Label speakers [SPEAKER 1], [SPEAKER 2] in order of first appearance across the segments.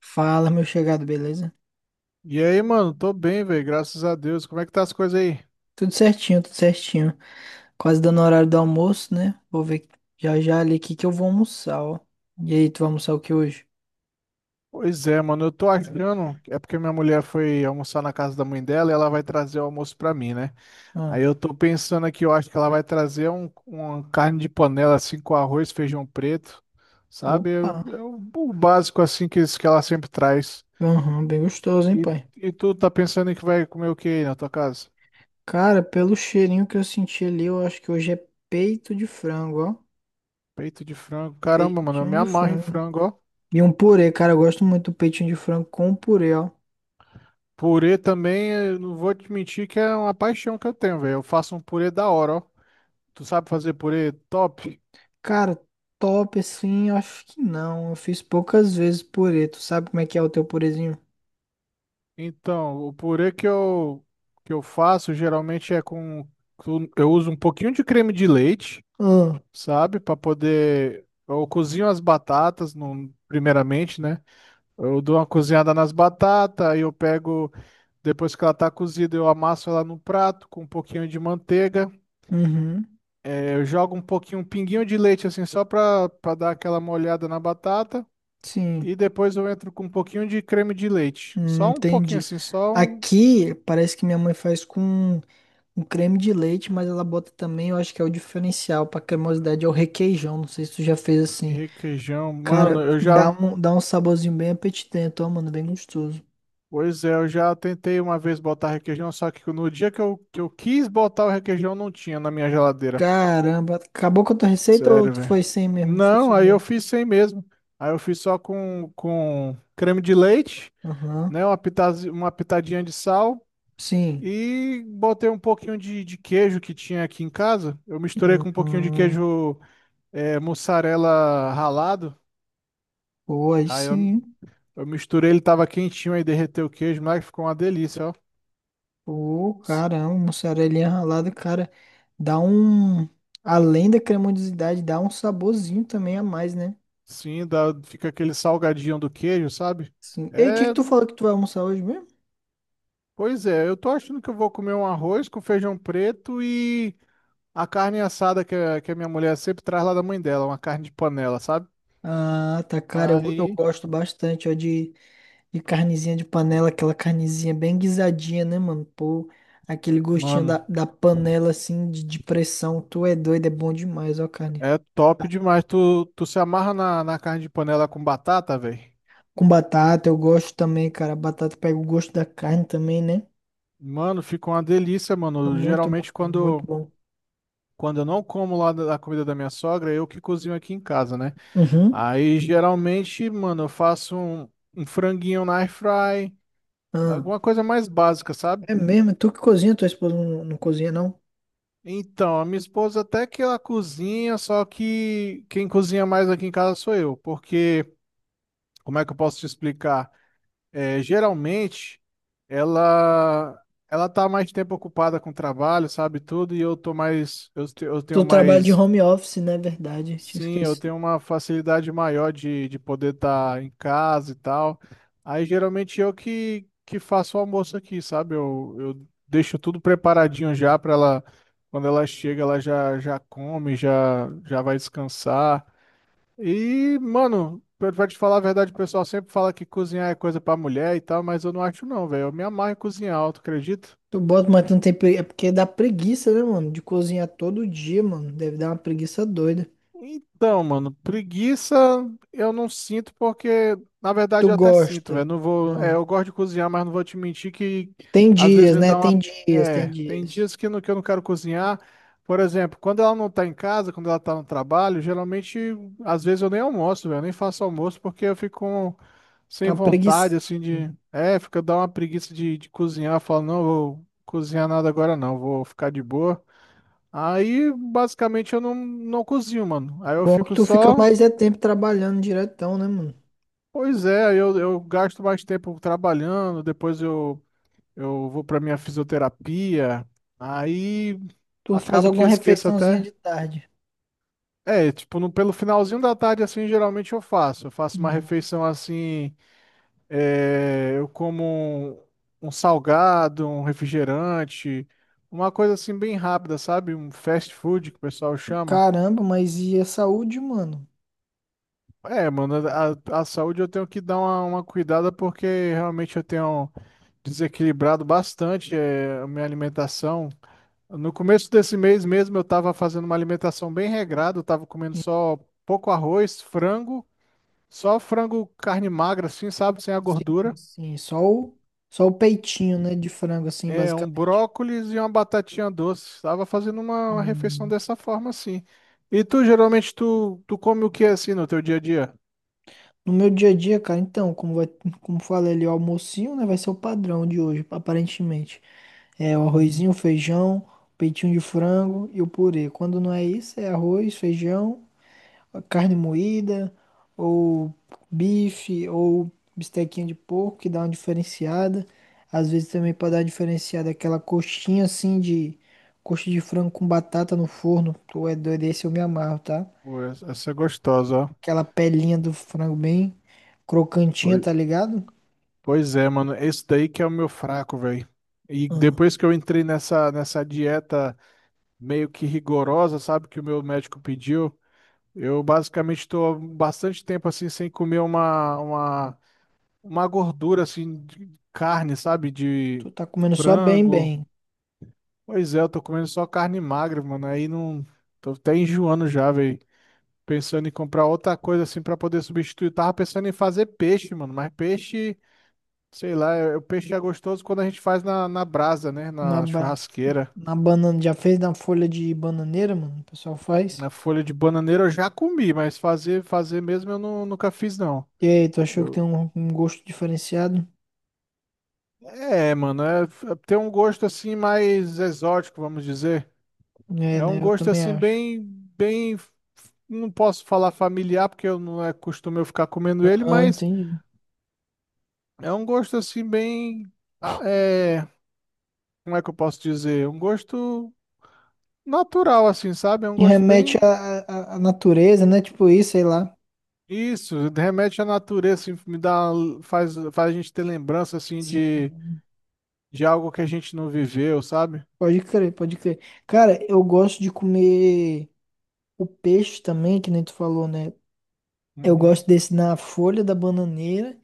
[SPEAKER 1] Fala, meu chegado, beleza?
[SPEAKER 2] E aí, mano, tô bem, velho, graças a Deus. Como é que tá as coisas aí?
[SPEAKER 1] Tudo certinho, tudo certinho. Quase dando o horário do almoço, né? Vou ver já já ali o que que eu vou almoçar, ó. E aí, tu vai almoçar o que hoje?
[SPEAKER 2] Pois é, mano, eu tô achando. É porque minha mulher foi almoçar na casa da mãe dela e ela vai trazer o almoço pra mim, né?
[SPEAKER 1] Ah,
[SPEAKER 2] Aí eu tô pensando aqui, eu acho que ela vai trazer uma carne de panela, assim, com arroz, feijão preto, sabe? É,
[SPEAKER 1] opa.
[SPEAKER 2] o básico, assim, que ela sempre traz.
[SPEAKER 1] Aham, bem gostoso, hein,
[SPEAKER 2] E,
[SPEAKER 1] pai?
[SPEAKER 2] e tu tá pensando em que vai comer o que aí na tua casa?
[SPEAKER 1] Cara, pelo cheirinho que eu senti ali, eu acho que hoje é peito de frango, ó.
[SPEAKER 2] Peito de frango. Caramba, mano, eu
[SPEAKER 1] Peitinho
[SPEAKER 2] me
[SPEAKER 1] de
[SPEAKER 2] amarro em
[SPEAKER 1] frango.
[SPEAKER 2] frango, ó.
[SPEAKER 1] E um purê, cara, eu gosto muito do peitinho de frango com purê, ó.
[SPEAKER 2] Purê também, eu não vou te mentir que é uma paixão que eu tenho, velho. Eu faço um purê da hora, ó. Tu sabe fazer purê top?
[SPEAKER 1] Cara, top assim, eu acho que não. Eu fiz poucas vezes purê. Tu sabe como é que é o teu purezinho?
[SPEAKER 2] Então, o purê que eu faço geralmente é com. Eu uso um pouquinho de creme de leite,
[SPEAKER 1] Ah,
[SPEAKER 2] sabe? Para poder. Eu cozinho as batatas, primeiramente, né? Eu dou uma cozinhada nas batatas, aí eu pego. Depois que ela tá cozida, eu amasso ela no prato com um pouquinho de manteiga.
[SPEAKER 1] uhum.
[SPEAKER 2] Eu jogo um pouquinho, um pinguinho de leite assim, só pra dar aquela molhada na batata.
[SPEAKER 1] Sim,
[SPEAKER 2] E depois eu entro com um pouquinho de creme de leite. Só um pouquinho
[SPEAKER 1] entendi.
[SPEAKER 2] assim, só um
[SPEAKER 1] Aqui parece que minha mãe faz com um creme de leite, mas ela bota também, eu acho que é o diferencial para cremosidade, é o requeijão. Não sei se tu já fez assim.
[SPEAKER 2] requeijão. Mano,
[SPEAKER 1] Cara,
[SPEAKER 2] eu
[SPEAKER 1] dá
[SPEAKER 2] já.
[SPEAKER 1] um, dá um saborzinho bem apetitento, ó, mano, bem gostoso.
[SPEAKER 2] Pois é, eu já tentei uma vez botar requeijão, só que no dia que eu quis botar o requeijão, não tinha na minha geladeira.
[SPEAKER 1] Caramba, acabou com a tua receita ou
[SPEAKER 2] Sério,
[SPEAKER 1] tu
[SPEAKER 2] velho.
[SPEAKER 1] foi sem mesmo?
[SPEAKER 2] Não, aí eu
[SPEAKER 1] Funcionou?
[SPEAKER 2] fiz sem mesmo. Aí eu fiz só com creme de leite,
[SPEAKER 1] Aham.
[SPEAKER 2] né? Uma pitadinha de sal.
[SPEAKER 1] Sim.
[SPEAKER 2] E botei um pouquinho de queijo que tinha aqui em casa. Eu misturei
[SPEAKER 1] Hum,
[SPEAKER 2] com um pouquinho de
[SPEAKER 1] hum,
[SPEAKER 2] queijo é, mussarela ralado.
[SPEAKER 1] pô, aí
[SPEAKER 2] Aí eu,
[SPEAKER 1] sim.
[SPEAKER 2] eu misturei, ele tava quentinho, aí derreteu o queijo, mas ficou uma delícia, ó.
[SPEAKER 1] Pô,
[SPEAKER 2] S-
[SPEAKER 1] caramba, uma cerealinha ralada, cara, dá um. Além da cremosidade, dá um saborzinho também a mais, né?
[SPEAKER 2] Sim, dá, fica aquele salgadinho do queijo, sabe?
[SPEAKER 1] Sim. E o que que
[SPEAKER 2] É,
[SPEAKER 1] tu falou que tu vai almoçar hoje mesmo?
[SPEAKER 2] pois é, eu tô achando que eu vou comer um arroz com feijão preto e a carne assada que a minha mulher sempre traz lá da mãe dela, uma carne de panela, sabe?
[SPEAKER 1] Ah, tá, cara, eu
[SPEAKER 2] Aí,
[SPEAKER 1] gosto bastante, ó, de carnezinha de panela, aquela carnezinha bem guisadinha, né, mano? Pô, aquele gostinho da,
[SPEAKER 2] mano.
[SPEAKER 1] da panela, assim, de pressão, tu é doido, é bom demais, ó, carne.
[SPEAKER 2] É top demais. Tu se amarra na carne de panela com batata, velho?
[SPEAKER 1] Com batata, eu gosto também, cara, batata pega o gosto da carne também, né?
[SPEAKER 2] Mano, fica uma delícia,
[SPEAKER 1] É
[SPEAKER 2] mano.
[SPEAKER 1] muito bom,
[SPEAKER 2] Geralmente,
[SPEAKER 1] mano, muito
[SPEAKER 2] quando,
[SPEAKER 1] bom.
[SPEAKER 2] quando eu não como lá da comida da minha sogra, eu que cozinho aqui em casa, né?
[SPEAKER 1] Uhum.
[SPEAKER 2] Aí, geralmente, mano, um franguinho na air fry,
[SPEAKER 1] Ah.
[SPEAKER 2] alguma coisa mais básica, sabe?
[SPEAKER 1] É mesmo, tu que cozinha, tua esposa não cozinha, não?
[SPEAKER 2] Então, a minha esposa até que ela cozinha, só que quem cozinha mais aqui em casa sou eu, porque, como é que eu posso te explicar? É, geralmente ela ela tá mais tempo ocupada com trabalho, sabe tudo, e eu tô mais eu tenho
[SPEAKER 1] Tu trabalha de
[SPEAKER 2] mais
[SPEAKER 1] home office, né? Verdade, tinha
[SPEAKER 2] sim, eu
[SPEAKER 1] esquecido.
[SPEAKER 2] tenho uma facilidade maior de poder estar em casa e tal. Aí geralmente eu que faço o almoço aqui, sabe? Eu deixo tudo preparadinho já para ela quando ela chega, ela já já come, já já vai descansar. E, mano, pra te falar a verdade, o pessoal sempre fala que cozinhar é coisa pra mulher e tal, mas eu não acho não, velho. Eu me amarro em cozinhar, tu acredita?
[SPEAKER 1] Tu bota, mas tu não tem pre... É porque dá preguiça, né, mano? De cozinhar todo dia, mano. Deve dar uma preguiça doida.
[SPEAKER 2] Então, mano, preguiça eu não sinto porque, na
[SPEAKER 1] Tu
[SPEAKER 2] verdade, eu até sinto,
[SPEAKER 1] gosta.
[SPEAKER 2] velho. Não vou, é,
[SPEAKER 1] Hum.
[SPEAKER 2] eu gosto de cozinhar, mas não vou te mentir que
[SPEAKER 1] Tem
[SPEAKER 2] às vezes
[SPEAKER 1] dias,
[SPEAKER 2] me
[SPEAKER 1] né?
[SPEAKER 2] dá
[SPEAKER 1] Tem
[SPEAKER 2] uma,
[SPEAKER 1] dias, tem
[SPEAKER 2] é, tem
[SPEAKER 1] dias.
[SPEAKER 2] dias que, não, que eu não quero cozinhar. Por exemplo, quando ela não tá em casa, quando ela tá no trabalho, geralmente, às vezes eu nem almoço, velho, eu nem faço almoço porque eu fico sem
[SPEAKER 1] Tá
[SPEAKER 2] vontade,
[SPEAKER 1] preguiça.
[SPEAKER 2] assim, de, é, fica dá uma preguiça de cozinhar. Eu falo, não, vou cozinhar nada agora não, vou ficar de boa. Aí, basicamente, eu não cozinho, mano. Aí eu
[SPEAKER 1] Bom que
[SPEAKER 2] fico
[SPEAKER 1] tu fica
[SPEAKER 2] só.
[SPEAKER 1] mais é tempo trabalhando diretão, né, mano?
[SPEAKER 2] Pois é, aí eu gasto mais tempo trabalhando, eu vou pra minha fisioterapia. Aí
[SPEAKER 1] Tu faz
[SPEAKER 2] acabo que
[SPEAKER 1] alguma
[SPEAKER 2] eu esqueço
[SPEAKER 1] refeiçãozinha
[SPEAKER 2] até.
[SPEAKER 1] de tarde.
[SPEAKER 2] É, tipo, no, pelo finalzinho da tarde, assim, geralmente eu faço. Eu faço uma
[SPEAKER 1] Uhum.
[SPEAKER 2] refeição assim. É, eu como um salgado, um refrigerante, uma coisa assim bem rápida, sabe? Um fast food que o pessoal chama.
[SPEAKER 1] Caramba, mas e a saúde, mano?
[SPEAKER 2] É, mano, a saúde eu tenho que dar uma cuidada porque realmente eu tenho desequilibrado bastante a minha alimentação. No começo desse mês mesmo eu estava fazendo uma alimentação bem regrada, eu estava comendo só pouco arroz, frango, só frango carne magra assim, sabe, sem a
[SPEAKER 1] Sim,
[SPEAKER 2] gordura,
[SPEAKER 1] sim, só o, só o peitinho, né, de frango, assim,
[SPEAKER 2] é, um
[SPEAKER 1] basicamente.
[SPEAKER 2] brócolis e uma batatinha doce. Estava fazendo uma refeição
[SPEAKER 1] Hum.
[SPEAKER 2] dessa forma assim. E tu, geralmente, tu come o que assim no teu dia a dia?
[SPEAKER 1] No meu dia a dia, cara, então, como, vai, como falei ali, o almocinho, né, vai ser o padrão de hoje, aparentemente. É o
[SPEAKER 2] Uhum.
[SPEAKER 1] arrozinho, o feijão, o peitinho de frango e o purê. Quando não é isso, é arroz, feijão, carne moída, ou bife, ou bistequinha de porco, que dá uma diferenciada. Às vezes também para dar uma diferenciada aquela coxinha assim de coxa de frango com batata no forno. Tu é doido, esse eu me amarro, tá?
[SPEAKER 2] Pô, essa é gostosa,
[SPEAKER 1] Aquela pelinha do frango bem
[SPEAKER 2] ó.
[SPEAKER 1] crocantinha, tá ligado?
[SPEAKER 2] Pois é, mano, esse daí que é o meu fraco, velho. E
[SPEAKER 1] Hum.
[SPEAKER 2] depois que eu entrei nessa dieta meio que rigorosa, sabe, que o meu médico pediu, eu basicamente estou bastante tempo assim sem comer uma gordura assim de carne, sabe, de
[SPEAKER 1] Tu tá comendo só bem,
[SPEAKER 2] frango.
[SPEAKER 1] bem.
[SPEAKER 2] Pois é, eu tô comendo só carne magra, mano. Aí não tô até enjoando já, velho. Pensando em comprar outra coisa assim pra poder substituir. Tava pensando em fazer peixe, mano, mas peixe sei lá, o peixe é gostoso quando a gente faz na brasa, né?
[SPEAKER 1] Na,
[SPEAKER 2] Na
[SPEAKER 1] ba-
[SPEAKER 2] churrasqueira.
[SPEAKER 1] Na banana, já fez na folha de bananeira, mano? O pessoal faz.
[SPEAKER 2] Na folha de bananeira eu já comi, mas fazer, fazer mesmo eu nunca fiz, não.
[SPEAKER 1] E aí, tu achou que tem
[SPEAKER 2] Eu...
[SPEAKER 1] um, um gosto diferenciado?
[SPEAKER 2] É, mano, tem um gosto assim mais exótico, vamos dizer.
[SPEAKER 1] É,
[SPEAKER 2] É um
[SPEAKER 1] né? Eu
[SPEAKER 2] gosto
[SPEAKER 1] também
[SPEAKER 2] assim
[SPEAKER 1] acho.
[SPEAKER 2] bem, não posso falar familiar porque eu não é costume eu ficar comendo ele,
[SPEAKER 1] Ah,
[SPEAKER 2] mas
[SPEAKER 1] entendi.
[SPEAKER 2] é um gosto assim ah, é, como é que eu posso dizer? Um gosto natural assim, sabe? É um
[SPEAKER 1] E
[SPEAKER 2] gosto
[SPEAKER 1] remete
[SPEAKER 2] bem
[SPEAKER 1] à, à, à natureza, né? Tipo isso, sei lá.
[SPEAKER 2] isso, remete à natureza, assim, me dá, faz a gente ter lembrança assim
[SPEAKER 1] Sim.
[SPEAKER 2] de algo que a gente não viveu, sabe?
[SPEAKER 1] Pode crer, pode crer. Cara, eu gosto de comer o peixe também, que nem tu falou, né? Eu
[SPEAKER 2] Uhum.
[SPEAKER 1] gosto desse na folha da bananeira.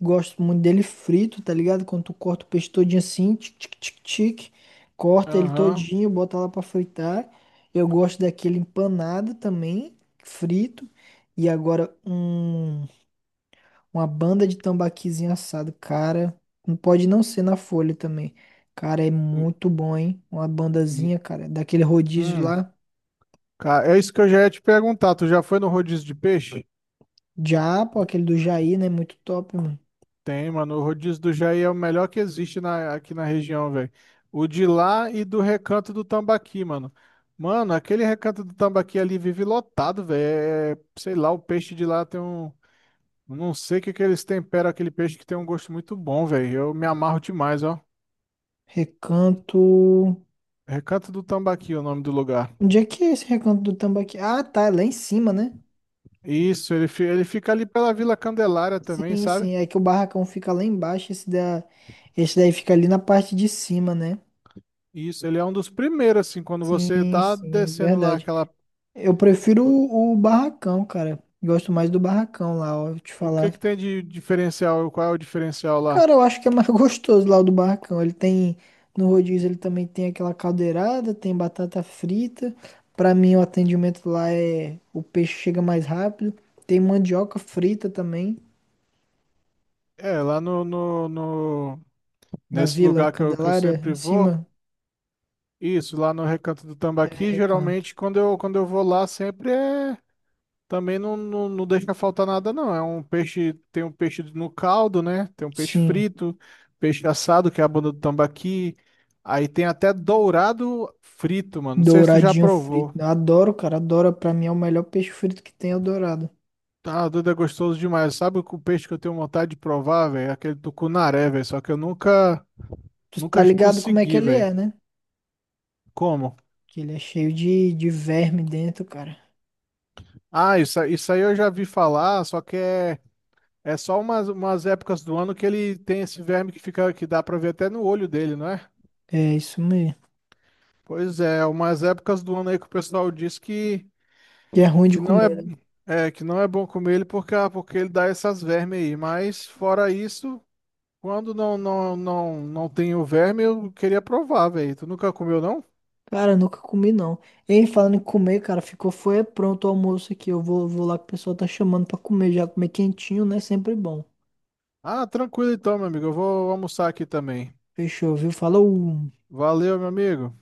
[SPEAKER 1] Gosto muito dele frito, tá ligado? Quando tu corta o peixe todinho assim, tic, tic, tic, tic, corta ele
[SPEAKER 2] Aham.
[SPEAKER 1] todinho, bota lá pra fritar. Eu gosto daquele empanado também, frito. E agora, um uma banda de tambaquizinho assado, cara. Não pode não ser na Folha também. Cara, é muito bom, hein? Uma
[SPEAKER 2] Hum,
[SPEAKER 1] bandazinha, cara, daquele rodízio
[SPEAKER 2] hum.
[SPEAKER 1] lá.
[SPEAKER 2] Cara, é isso que eu já ia te perguntar. Tu já foi no rodízio de peixe?
[SPEAKER 1] Já, pô, aquele do Jair, né? Muito top, mano.
[SPEAKER 2] Tem, mano. O rodízio do Jair é o melhor que existe na, aqui na região, velho. O de lá e do Recanto do Tambaqui, mano. Mano, aquele Recanto do Tambaqui ali vive lotado, velho. Sei lá, o peixe de lá tem um não sei o que que eles temperam aquele peixe que tem um gosto muito bom, velho. Eu me amarro demais, ó.
[SPEAKER 1] Recanto.
[SPEAKER 2] É Recanto do Tambaqui, é o nome do lugar.
[SPEAKER 1] Onde é que é esse recanto do tambaqui? Ah, tá, é lá em cima, né?
[SPEAKER 2] Isso, ele, ele fica ali pela Vila Candelária também,
[SPEAKER 1] Sim,
[SPEAKER 2] sabe?
[SPEAKER 1] sim. É que o barracão fica lá embaixo. Esse, da... esse daí fica ali na parte de cima, né?
[SPEAKER 2] Isso, ele é um dos primeiros, assim, quando você
[SPEAKER 1] Sim,
[SPEAKER 2] tá
[SPEAKER 1] sim,
[SPEAKER 2] descendo lá
[SPEAKER 1] verdade.
[SPEAKER 2] aquela.
[SPEAKER 1] Eu prefiro o barracão, cara. Gosto mais do barracão lá, ó. Vou te
[SPEAKER 2] O que que
[SPEAKER 1] falar.
[SPEAKER 2] tem de diferencial? Qual é o diferencial lá?
[SPEAKER 1] Cara, eu acho que é mais gostoso lá o do Barracão. Ele tem, no rodízio ele também tem aquela caldeirada, tem batata frita. Pra mim o atendimento lá é, o peixe chega mais rápido. Tem mandioca frita também,
[SPEAKER 2] É, lá no, no, no-
[SPEAKER 1] na
[SPEAKER 2] nesse
[SPEAKER 1] Vila
[SPEAKER 2] lugar que eu
[SPEAKER 1] Candelária, em
[SPEAKER 2] sempre vou,
[SPEAKER 1] cima
[SPEAKER 2] isso, lá no Recanto do
[SPEAKER 1] é
[SPEAKER 2] Tambaqui,
[SPEAKER 1] Recanto.
[SPEAKER 2] geralmente quando eu vou lá, sempre é. Também não deixa faltar nada, não. É um peixe, tem um peixe no caldo, né? Tem um peixe
[SPEAKER 1] Sim,
[SPEAKER 2] frito, peixe assado, que é a bunda do tambaqui. Aí tem até dourado frito, mano. Não sei se tu já
[SPEAKER 1] douradinho frito.
[SPEAKER 2] provou.
[SPEAKER 1] Eu adoro, cara, adoro. Pra mim é o melhor peixe frito que tem, é o dourado.
[SPEAKER 2] Tá, doido, é gostoso demais. Sabe o peixe que eu tenho vontade de provar, velho? É aquele tucunaré, velho. Só que eu nunca,
[SPEAKER 1] Tu
[SPEAKER 2] nunca
[SPEAKER 1] tá ligado como é que
[SPEAKER 2] consegui,
[SPEAKER 1] ele
[SPEAKER 2] velho.
[SPEAKER 1] é, né?
[SPEAKER 2] Como?
[SPEAKER 1] Que ele é cheio de verme dentro, cara.
[SPEAKER 2] Ah, isso, isso aí eu já vi falar, só que é, é só umas, umas épocas do ano que ele tem esse verme que fica, que dá pra ver até no olho dele, não é?
[SPEAKER 1] É isso mesmo.
[SPEAKER 2] Pois é, umas épocas do ano aí que o pessoal diz
[SPEAKER 1] E é ruim de
[SPEAKER 2] que não é,
[SPEAKER 1] comer, né?
[SPEAKER 2] é, que não é bom comer ele porque, ah, porque ele dá essas vermes aí. Mas fora isso, quando não tem o verme, eu queria provar, velho. Tu nunca comeu, não?
[SPEAKER 1] Cara, nunca comi não. Hein, falando em comer, cara, ficou foi pronto o almoço aqui. Eu vou, vou lá que o pessoal tá chamando pra comer já. Comer quentinho, né? Sempre bom.
[SPEAKER 2] Ah, tranquilo então, meu amigo. Eu vou almoçar aqui também.
[SPEAKER 1] Fechou, viu? Falou!
[SPEAKER 2] Valeu, meu amigo.